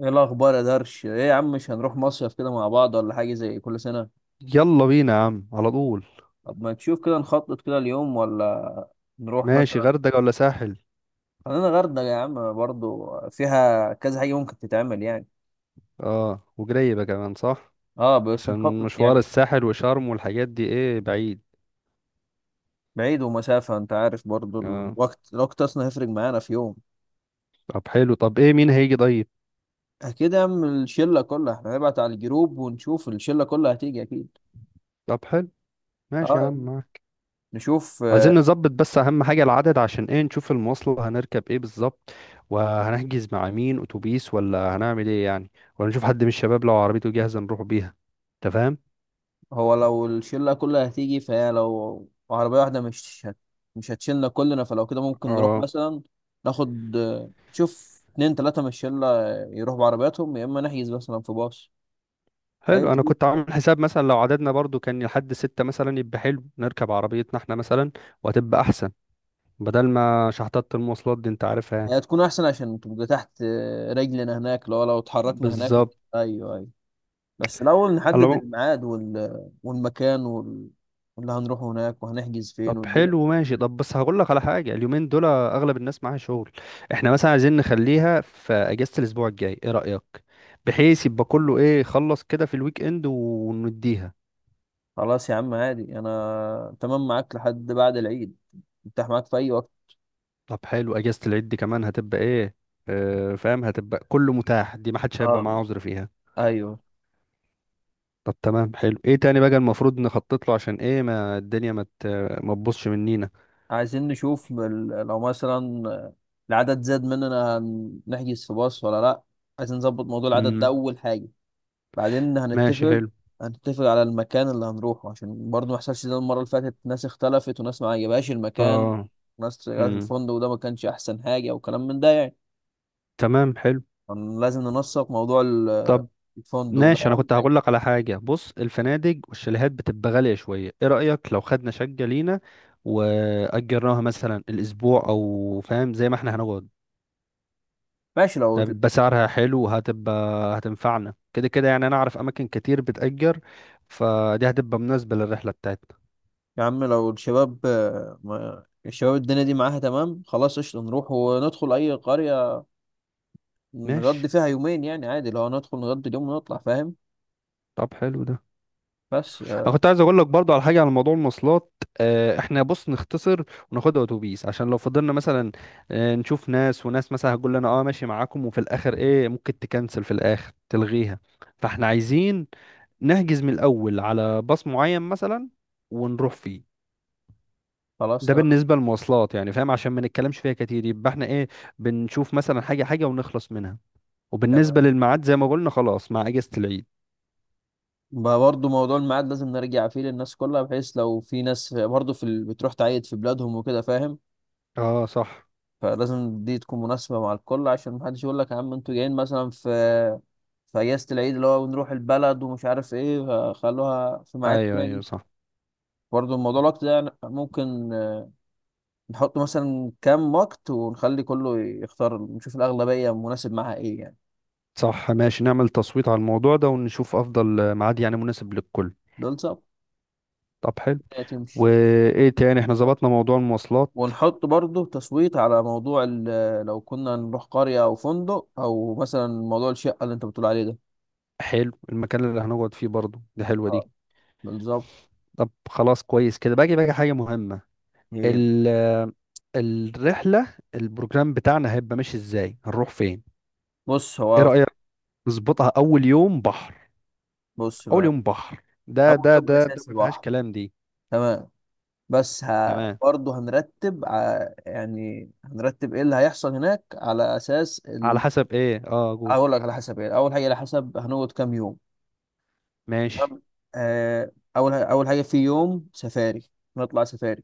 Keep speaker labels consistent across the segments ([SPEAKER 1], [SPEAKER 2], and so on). [SPEAKER 1] ايه الاخبار يا درش؟ ايه يا عم، مش هنروح مصيف كده مع بعض ولا حاجه زي كل سنه؟
[SPEAKER 2] يلا بينا يا عم على طول.
[SPEAKER 1] طب ما تشوف كده نخطط كده اليوم، ولا نروح
[SPEAKER 2] ماشي،
[SPEAKER 1] مثلا.
[SPEAKER 2] غردقة ولا ساحل؟
[SPEAKER 1] خلينا غردقه يا عم، برضو فيها كذا حاجه ممكن تتعمل يعني.
[SPEAKER 2] اه، وجريبة كمان صح.
[SPEAKER 1] اه، بس
[SPEAKER 2] عشان
[SPEAKER 1] نخطط
[SPEAKER 2] مشوار
[SPEAKER 1] يعني.
[SPEAKER 2] الساحل وشرم والحاجات دي ايه بعيد.
[SPEAKER 1] بعيد ومسافه، انت عارف، برضو
[SPEAKER 2] اه.
[SPEAKER 1] الوقت اصلا هيفرق معانا في يوم.
[SPEAKER 2] طب حلو، طب ايه مين هيجي طيب؟
[SPEAKER 1] اكيد يا عم، الشله كلها. احنا هنبعت على الجروب ونشوف الشله كلها هتيجي اكيد.
[SPEAKER 2] طب حلو، ماشي يا
[SPEAKER 1] اه.
[SPEAKER 2] عم معاك.
[SPEAKER 1] نشوف.
[SPEAKER 2] عايزين نظبط بس اهم حاجة العدد، عشان ايه نشوف المواصلة هنركب ايه بالظبط، وهنحجز مع مين اتوبيس ولا هنعمل ايه يعني، ولا نشوف حد من الشباب لو عربيته جاهزة نروح بيها، انت فاهم؟
[SPEAKER 1] هو لو الشلة كلها هتيجي، فهي لو عربية واحدة مش هتشيلنا كلنا، فلو كده ممكن نروح
[SPEAKER 2] اه.
[SPEAKER 1] مثلا. ناخد، نشوف اتنين تلاتة من الشلة يروحوا بعربياتهم، يا إما نحجز مثلا في باص. أيوة
[SPEAKER 2] حلو، انا كنت
[SPEAKER 1] تبقى.
[SPEAKER 2] عامل حساب مثلا لو عددنا برضو كان لحد ستة مثلا يبقى حلو نركب عربيتنا احنا مثلا. وهتبقى احسن بدل ما شحطات المواصلات دي انت عارفها يعني.
[SPEAKER 1] هي تكون أحسن عشان تبقى تحت رجلنا هناك، لو اتحركنا هناك
[SPEAKER 2] بالظبط.
[SPEAKER 1] أيوة أيوة. بس الأول
[SPEAKER 2] على
[SPEAKER 1] نحدد
[SPEAKER 2] العموم-
[SPEAKER 1] الميعاد والمكان واللي هنروحه هناك، وهنحجز
[SPEAKER 2] طب
[SPEAKER 1] فين والدنيا.
[SPEAKER 2] حلو، ماشي. طب بس هقول لك على حاجة، اليومين دول اغلب الناس معاها شغل. احنا مثلا عايزين نخليها في اجازة الاسبوع الجاي، ايه رأيك؟ بحيث يبقى كله ايه خلص كده في الويك اند، ونديها.
[SPEAKER 1] خلاص يا عم، عادي، أنا تمام معاك لحد بعد العيد. متاح معاك في أي وقت.
[SPEAKER 2] طب حلو، اجازة العيد دي كمان هتبقى ايه. اه فاهم، هتبقى كله متاح، دي ما حدش هيبقى
[SPEAKER 1] اه.
[SPEAKER 2] معاه عذر فيها.
[SPEAKER 1] ايوه.
[SPEAKER 2] طب تمام حلو، ايه تاني بقى المفروض نخطط له؟ عشان ايه ما الدنيا ما تبوظش منينا.
[SPEAKER 1] عايزين نشوف لو مثلا العدد زاد مننا نحجز في باص ولا لا. عايزين نظبط موضوع العدد ده
[SPEAKER 2] امم
[SPEAKER 1] اول حاجه. بعدين
[SPEAKER 2] ماشي
[SPEAKER 1] هنتفق
[SPEAKER 2] حلو.
[SPEAKER 1] هنتفق على المكان اللي هنروحه، عشان برضه ما يحصلش زي المره اللي فاتت: ناس اختلفت وناس ما عجبهاش المكان،
[SPEAKER 2] اه.
[SPEAKER 1] وناس شغاله في
[SPEAKER 2] امم
[SPEAKER 1] الفندق، وده ما كانش احسن حاجه، وكلام من ده يعني.
[SPEAKER 2] تمام حلو.
[SPEAKER 1] لازم ننسق موضوع
[SPEAKER 2] طب
[SPEAKER 1] الفندق، ده
[SPEAKER 2] ماشي، انا
[SPEAKER 1] اهم
[SPEAKER 2] كنت
[SPEAKER 1] حاجه.
[SPEAKER 2] هقول لك على حاجه. بص، الفنادق والشاليهات بتبقى غاليه شويه، ايه رايك لو خدنا شقه لينا واجرناها مثلا الاسبوع، او فاهم زي ما احنا هنقعد.
[SPEAKER 1] ماشي لو.
[SPEAKER 2] ده بيبقى سعرها حلو، وهتبقى هتنفعنا كده كده يعني، انا اعرف اماكن كتير بتأجر، فدي هتبقى مناسبه للرحله بتاعتنا.
[SPEAKER 1] يا عم لو الشباب الشباب، الدنيا دي معاها تمام، خلاص قشطة نروح وندخل أي قرية نقضي
[SPEAKER 2] ماشي.
[SPEAKER 1] فيها يومين، يعني عادي لو ندخل نقضي اليوم ونطلع فاهم.
[SPEAKER 2] طب حلو ده،
[SPEAKER 1] بس
[SPEAKER 2] انا كنت عايز اقول لك برضو على حاجه، على موضوع المواصلات. احنا بص نختصر وناخدها اتوبيس، عشان لو فضلنا مثلا نشوف ناس، وناس مثلا هتقول لنا اه ماشي معاكم، وفي الاخر ايه ممكن تكنسل، في الاخر تلغيها. فاحنا عايزين نحجز من الاول على باص معين مثلا، ونروح فيه.
[SPEAKER 1] خلاص.
[SPEAKER 2] ده
[SPEAKER 1] تمام.
[SPEAKER 2] بالنسبه للمواصلات يعني فاهم، عشان ما نتكلمش فيها كتير يبقى احنا ايه بنشوف مثلا حاجه حاجه ونخلص منها. وبالنسبه
[SPEAKER 1] تمام.
[SPEAKER 2] للميعاد زي ما قلنا خلاص، مع اجازه العيد.
[SPEAKER 1] بقى برضه موضوع الميعاد لازم نرجع فيه للناس كلها، بحيث لو في ناس برضه بتروح تعيد في بلادهم وكده فاهم.
[SPEAKER 2] اه صح.
[SPEAKER 1] فلازم دي تكون مناسبة مع الكل، عشان محدش يقول لك يا عم انتوا جايين مثلا في في أجازة العيد، اللي هو نروح البلد ومش عارف ايه. فخلوها في ميعاد
[SPEAKER 2] ايوه ايوه
[SPEAKER 1] تاني.
[SPEAKER 2] صح.
[SPEAKER 1] برضه الموضوع الوقت ده، يعني ممكن نحط مثلا كام وقت ونخلي كله يختار، نشوف الأغلبية مناسب معاها ايه يعني.
[SPEAKER 2] صح ماشي، نعمل تصويت على الموضوع ده ونشوف افضل ميعاد يعني مناسب للكل.
[SPEAKER 1] دول صعب
[SPEAKER 2] طب حلو.
[SPEAKER 1] تمشي.
[SPEAKER 2] وايه تاني، احنا ظبطنا موضوع المواصلات.
[SPEAKER 1] ونحط برضه تصويت على موضوع لو كنا نروح قرية أو فندق، أو مثلا موضوع الشقة اللي أنت بتقول عليه ده.
[SPEAKER 2] حلو، المكان اللي هنقعد فيه برضو، دي حلوة
[SPEAKER 1] اه،
[SPEAKER 2] دي.
[SPEAKER 1] بالظبط.
[SPEAKER 2] طب خلاص كويس كده، باجي باجي حاجة مهمة.
[SPEAKER 1] إيه،
[SPEAKER 2] ال الرحلة، البروجرام بتاعنا هيبقى ماشي ازاي، هنروح فين؟
[SPEAKER 1] بص
[SPEAKER 2] ايه
[SPEAKER 1] هو.
[SPEAKER 2] رأيك نظبطها اول يوم بحر؟
[SPEAKER 1] بص
[SPEAKER 2] اول
[SPEAKER 1] ما.
[SPEAKER 2] يوم بحر ده
[SPEAKER 1] أول
[SPEAKER 2] ده
[SPEAKER 1] يوم
[SPEAKER 2] ده ده
[SPEAKER 1] أساسي
[SPEAKER 2] ما فيهاش
[SPEAKER 1] بحر.
[SPEAKER 2] كلام دي.
[SPEAKER 1] تمام. بس
[SPEAKER 2] تمام.
[SPEAKER 1] برضه هنرتب يعني هنرتب إيه اللي هيحصل هناك على أساس
[SPEAKER 2] على حسب ايه؟ اه قول.
[SPEAKER 1] أقول لك على حسب إيه. أول حاجة، على حسب هنقعد كام يوم.
[SPEAKER 2] ماشي.
[SPEAKER 1] تمام. آه، أول حاجة في يوم سفاري. نطلع سفاري.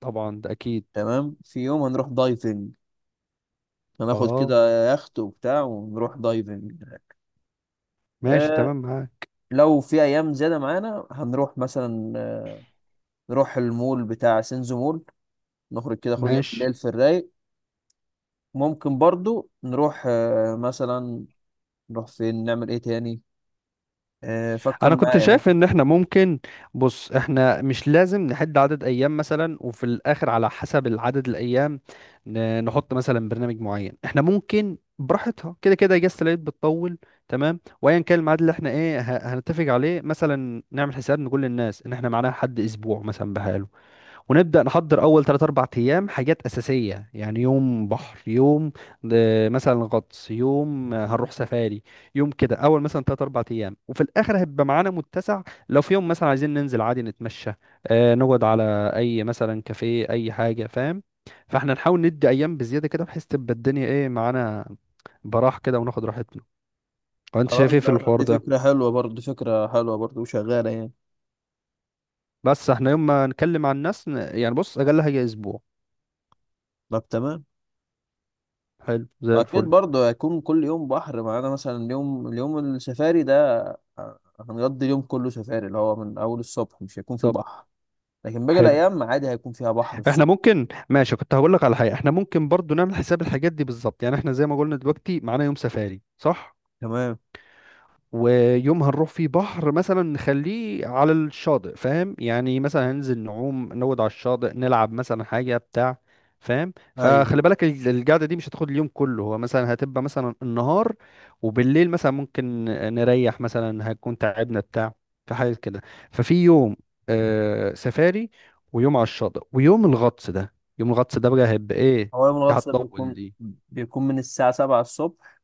[SPEAKER 2] طبعا ده اكيد.
[SPEAKER 1] تمام. في يوم هنروح دايفنج، هناخد
[SPEAKER 2] اه.
[SPEAKER 1] كده يخت وبتاع ونروح دايفنج.
[SPEAKER 2] ماشي
[SPEAKER 1] آه.
[SPEAKER 2] تمام معاك.
[SPEAKER 1] لو في ايام زياده معانا هنروح مثلا نروح المول بتاع سينزو مول، نخرج كده خروجه
[SPEAKER 2] ماشي،
[SPEAKER 1] بالليل في الرايق. ممكن برضو نروح مثلا، نروح فين نعمل ايه تاني. فكر
[SPEAKER 2] انا كنت
[SPEAKER 1] معايا
[SPEAKER 2] شايف
[SPEAKER 1] ممكن.
[SPEAKER 2] ان احنا ممكن، بص احنا مش لازم نحد عدد ايام مثلا، وفي الاخر على حسب العدد الايام نحط مثلا برنامج معين، احنا ممكن براحتها كده كده، اجازة العيد بتطول. تمام، وايا كان الميعاد اللي احنا ايه هنتفق عليه، مثلا نعمل حساب نقول للناس ان احنا معانا حد اسبوع مثلا بحاله، ونبدأ نحضر أول 3 4 أيام حاجات أساسية، يعني يوم بحر، يوم مثلا غطس، يوم هنروح سفاري، يوم كده، أول مثلا 3 4 أيام، وفي الآخر هيبقى معانا متسع، لو في يوم مثلا عايزين ننزل عادي نتمشى، نقعد على أي مثلا كافيه، أي حاجة فاهم. فاحنا نحاول ندي أيام بزيادة كده، بحيث تبقى الدنيا إيه معانا براح كده وناخد راحتنا. وانت شايف
[SPEAKER 1] خلاص
[SPEAKER 2] ايه في الحوار
[SPEAKER 1] دي
[SPEAKER 2] ده؟
[SPEAKER 1] فكره حلوه برضو، دي فكره حلوه برضو وشغاله يعني.
[SPEAKER 2] بس احنا يوم ما نكلم عن الناس يعني بص اقل حاجه اسبوع.
[SPEAKER 1] طب تمام.
[SPEAKER 2] حلو زي
[SPEAKER 1] اكيد
[SPEAKER 2] الفل.
[SPEAKER 1] برضو هيكون كل يوم بحر معانا. مثلا اليوم السفاري ده هنقضي اليوم كله سفاري، اللي هو من اول الصبح مش هيكون في
[SPEAKER 2] طب
[SPEAKER 1] بحر. لكن باقي
[SPEAKER 2] حلو،
[SPEAKER 1] الايام عادي هيكون فيها بحر
[SPEAKER 2] احنا
[SPEAKER 1] الصبح.
[SPEAKER 2] ممكن ماشي، كنت هقول لك على حاجه، احنا ممكن برضو نعمل حساب الحاجات دي بالظبط. يعني احنا زي ما قلنا دلوقتي، معانا يوم سفاري صح،
[SPEAKER 1] تمام.
[SPEAKER 2] ويوم هنروح فيه بحر مثلا نخليه على الشاطئ فاهم، يعني مثلا هننزل نعوم نود على الشاطئ، نلعب مثلا حاجة بتاع. فاهم، فخلي
[SPEAKER 1] ايوه.
[SPEAKER 2] بالك القعدة دي مش هتاخد اليوم كله، هو مثلا هتبقى مثلا النهار، وبالليل مثلا ممكن نريح، مثلا هنكون تعبنا بتاع. في حاجة كده. ففي يوم سفاري، ويوم على الشاطئ، ويوم الغطس ده. يوم الغطس ده بقى هيبقى ايه،
[SPEAKER 1] هو يوم
[SPEAKER 2] دي
[SPEAKER 1] الغطس ده
[SPEAKER 2] هتطول
[SPEAKER 1] بيكون
[SPEAKER 2] دي.
[SPEAKER 1] بيكون من الساعه 7 الصبح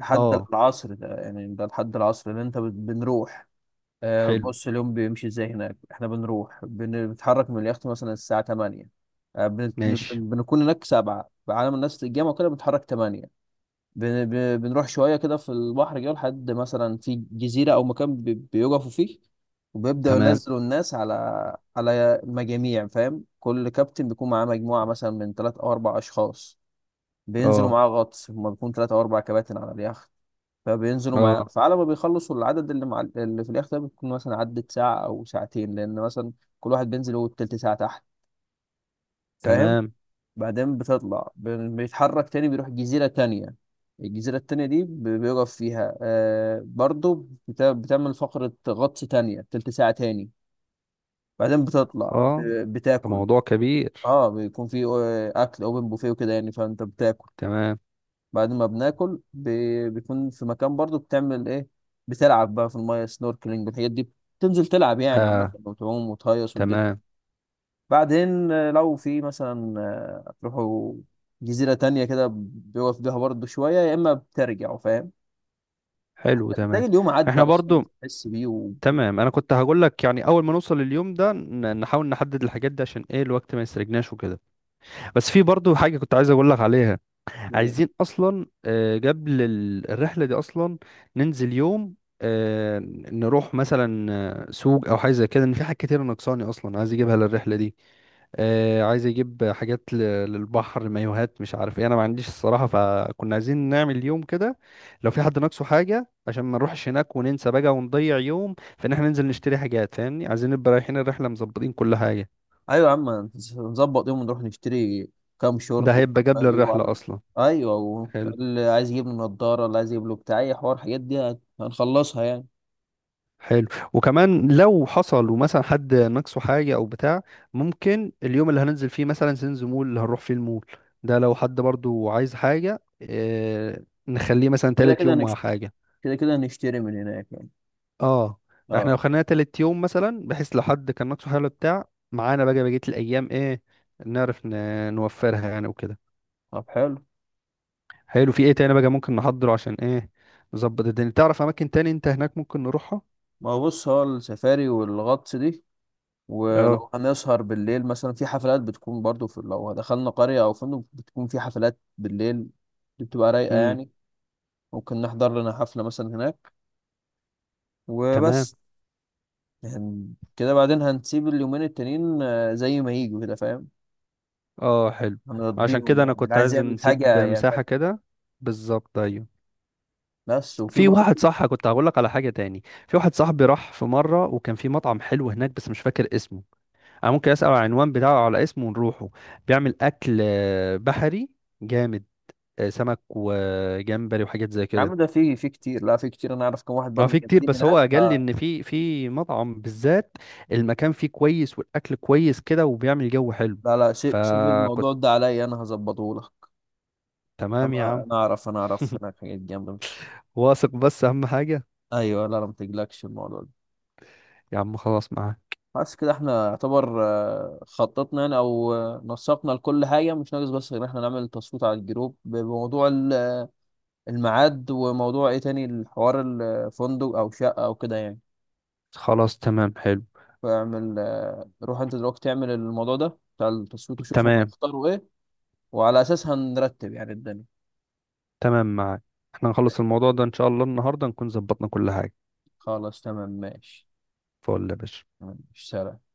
[SPEAKER 1] لحد
[SPEAKER 2] اه.
[SPEAKER 1] العصر ده، يعني ده لحد العصر اللي انت بنروح.
[SPEAKER 2] حلو،
[SPEAKER 1] بص اليوم بيمشي ازاي هناك: احنا بنروح، بنتحرك من اليخت مثلا الساعه 8. آه، بن- بن-
[SPEAKER 2] ماشي
[SPEAKER 1] بنكون هناك 7 بعالم الناس الجامعة وكده، بنتحرك 8. بنروح شوية كده في البحر كده، لحد مثلا في جزيرة أو مكان بيقفوا فيه، وبيبدأوا
[SPEAKER 2] تمام.
[SPEAKER 1] ينزلوا الناس على مجاميع فاهم. كل كابتن بيكون معاه مجموعة مثلا من تلات أو أربع أشخاص، بينزلوا
[SPEAKER 2] اه.
[SPEAKER 1] معاه غطس. هما بيكون تلات أو أربع كباتن على اليخت، فبينزلوا معاه.
[SPEAKER 2] اه.
[SPEAKER 1] فعلى ما بيخلصوا العدد اللي مع اللي في اليخت ده، بيكون مثلا عدت ساعة أو ساعتين، لأن مثلا كل واحد بينزل هو التلت ساعة تحت فاهم.
[SPEAKER 2] تمام.
[SPEAKER 1] بعدين بتطلع بيتحرك تاني، بيروح جزيرة تانية. الجزيرة التانية دي بيقف فيها برضو، بتعمل فقرة غطس تانية تلت ساعة تاني. بعدين بتطلع
[SPEAKER 2] اه ده
[SPEAKER 1] بتاكل.
[SPEAKER 2] موضوع كبير.
[SPEAKER 1] اه، بيكون في أكل أوبن بوفيه وكده يعني، فأنت بتاكل.
[SPEAKER 2] تمام.
[SPEAKER 1] بعد ما بناكل بيكون في مكان برضو، بتعمل إيه؟ بتلعب بقى في المايه سنوركلينج والحاجات دي. بتنزل تلعب يعني عامة،
[SPEAKER 2] اه.
[SPEAKER 1] وتعوم وتهيص والدنيا.
[SPEAKER 2] تمام
[SPEAKER 1] بعدين لو في مثلا تروحوا جزيرة تانية كده، بيقف بيها برضه شوية، يا إما بترجعوا فاهم.
[SPEAKER 2] حلو.
[SPEAKER 1] تلاقي
[SPEAKER 2] تمام.
[SPEAKER 1] اليوم عدى
[SPEAKER 2] احنا
[SPEAKER 1] أصلا مش
[SPEAKER 2] برضو
[SPEAKER 1] تحس بيه
[SPEAKER 2] تمام، انا كنت هقول لك يعني، اول ما نوصل اليوم ده نحاول نحدد الحاجات دي عشان ايه الوقت ما يسرقناش وكده. بس في برضو حاجة كنت عايز اقول لك عليها،
[SPEAKER 1] آه،
[SPEAKER 2] عايزين اصلا قبل الرحله دي اصلا ننزل يوم، آه، نروح مثلا سوق او حاجه زي كده، ان في حاجات كتير ناقصاني اصلا عايز اجيبها للرحله دي. عايز اجيب حاجات للبحر، مايوهات مش عارف ايه، انا ما عنديش الصراحه. فكنا عايزين نعمل يوم كده، لو في حد ناقصه حاجه، عشان ما نروحش هناك وننسى بقى ونضيع يوم، فان احنا ننزل نشتري حاجات فاهمني، عايزين نبقى رايحين الرحله مظبطين كل حاجه.
[SPEAKER 1] أيوة يا عم، نظبط يوم ونروح نشتري كام
[SPEAKER 2] ده
[SPEAKER 1] شورت وكام
[SPEAKER 2] هيبقى قبل
[SPEAKER 1] مايو
[SPEAKER 2] الرحله
[SPEAKER 1] على.
[SPEAKER 2] اصلا.
[SPEAKER 1] أيوة
[SPEAKER 2] حلو.
[SPEAKER 1] اللي عايز يجيب له نضارة، اللي عايز يجيب له بتاع أي حوار، الحاجات دي هنخلصها يعني.
[SPEAKER 2] حلو. وكمان لو حصل ومثلا حد ناقصه حاجة أو بتاع، ممكن اليوم اللي هننزل فيه مثلا سينز مول اللي هنروح فيه المول ده، لو حد برضو عايز حاجة، اه نخليه مثلا
[SPEAKER 1] كده
[SPEAKER 2] تالت
[SPEAKER 1] كده
[SPEAKER 2] يوم ولا
[SPEAKER 1] نشتري
[SPEAKER 2] حاجة.
[SPEAKER 1] كده كده نشتري من هناك يعني.
[SPEAKER 2] اه. احنا لو
[SPEAKER 1] أه.
[SPEAKER 2] خلينا تالت يوم مثلا، بحيث لو حد كان ناقصه حاجة ولا بتاع، معانا بقى بقية الأيام ايه نعرف نوفرها يعني وكده.
[SPEAKER 1] طب حلو.
[SPEAKER 2] حلو، في ايه تاني بقى ممكن نحضره، عشان ايه نظبط الدنيا. تعرف أماكن تاني انت هناك ممكن نروحها؟
[SPEAKER 1] ما هو بص، هو السفاري والغطس دي،
[SPEAKER 2] اه.
[SPEAKER 1] ولو هنسهر بالليل مثلا في حفلات بتكون برضو، في لو دخلنا قرية أو فندق بتكون في حفلات بالليل، دي بتبقى رايقة
[SPEAKER 2] امم.
[SPEAKER 1] يعني. ممكن نحضر لنا حفلة مثلا هناك
[SPEAKER 2] تمام.
[SPEAKER 1] وبس. يعني كده بعدين هنسيب اليومين التانيين زي ما يجوا كده فاهم.
[SPEAKER 2] اه. حلو. عشان كده
[SPEAKER 1] هنرضيهم
[SPEAKER 2] انا
[SPEAKER 1] يعني، اللي
[SPEAKER 2] كنت
[SPEAKER 1] عايز
[SPEAKER 2] عايز
[SPEAKER 1] يعمل
[SPEAKER 2] نسيب
[SPEAKER 1] حاجة يعمل.
[SPEAKER 2] مساحة كده. بالظبط ايوه.
[SPEAKER 1] بس وفي
[SPEAKER 2] في واحد
[SPEAKER 1] برضه.
[SPEAKER 2] صح كنت هقول لك على حاجة تاني، في واحد صاحبي راح في مرة وكان في مطعم حلو هناك بس مش فاكر اسمه. انا ممكن اسأل على العنوان بتاعه، على اسمه ونروحه. بيعمل اكل بحري جامد، سمك وجمبري وحاجات زي
[SPEAKER 1] يا عم
[SPEAKER 2] كده.
[SPEAKER 1] ده في كتير، لا في كتير. أنا أعرف كم واحد
[SPEAKER 2] اه
[SPEAKER 1] برضه
[SPEAKER 2] في كتير،
[SPEAKER 1] جامدين
[SPEAKER 2] بس هو
[SPEAKER 1] هناك
[SPEAKER 2] قال لي ان في مطعم بالذات المكان فيه كويس، والاكل كويس كده، وبيعمل جو حلو.
[SPEAKER 1] لا لا، سيب سيب
[SPEAKER 2] فكنت
[SPEAKER 1] الموضوع ده عليا، أنا هظبطه لك.
[SPEAKER 2] تمام يا
[SPEAKER 1] أنا
[SPEAKER 2] عم.
[SPEAKER 1] أنا أعرف، أنا أعرف هناك حاجات جامدة.
[SPEAKER 2] واثق، بس اهم حاجة.
[SPEAKER 1] أيوه لا لا، ما تقلقش الموضوع ده.
[SPEAKER 2] يا عم خلاص معاك.
[SPEAKER 1] بس كده احنا يعتبر خططنا يعني، او نسقنا لكل حاجه مش ناقص، بس غير ان احنا نعمل تصويت على الجروب بموضوع الميعاد، وموضوع ايه تاني الحوار، الفندق او شقه او كده يعني.
[SPEAKER 2] خلاص تمام حلو.
[SPEAKER 1] فاعمل روح انت دلوقتي تعمل الموضوع ده بتاع التصويت وشوف هم
[SPEAKER 2] تمام.
[SPEAKER 1] هيختاروا ايه، وعلى اساسها نرتب يعني الدنيا.
[SPEAKER 2] تمام معاك. احنا نخلص الموضوع ده ان شاء الله النهارده نكون ظبطنا كل حاجة.
[SPEAKER 1] خلاص تمام ماشي.
[SPEAKER 2] فول يا باشا.
[SPEAKER 1] تمام، ماشي سلام.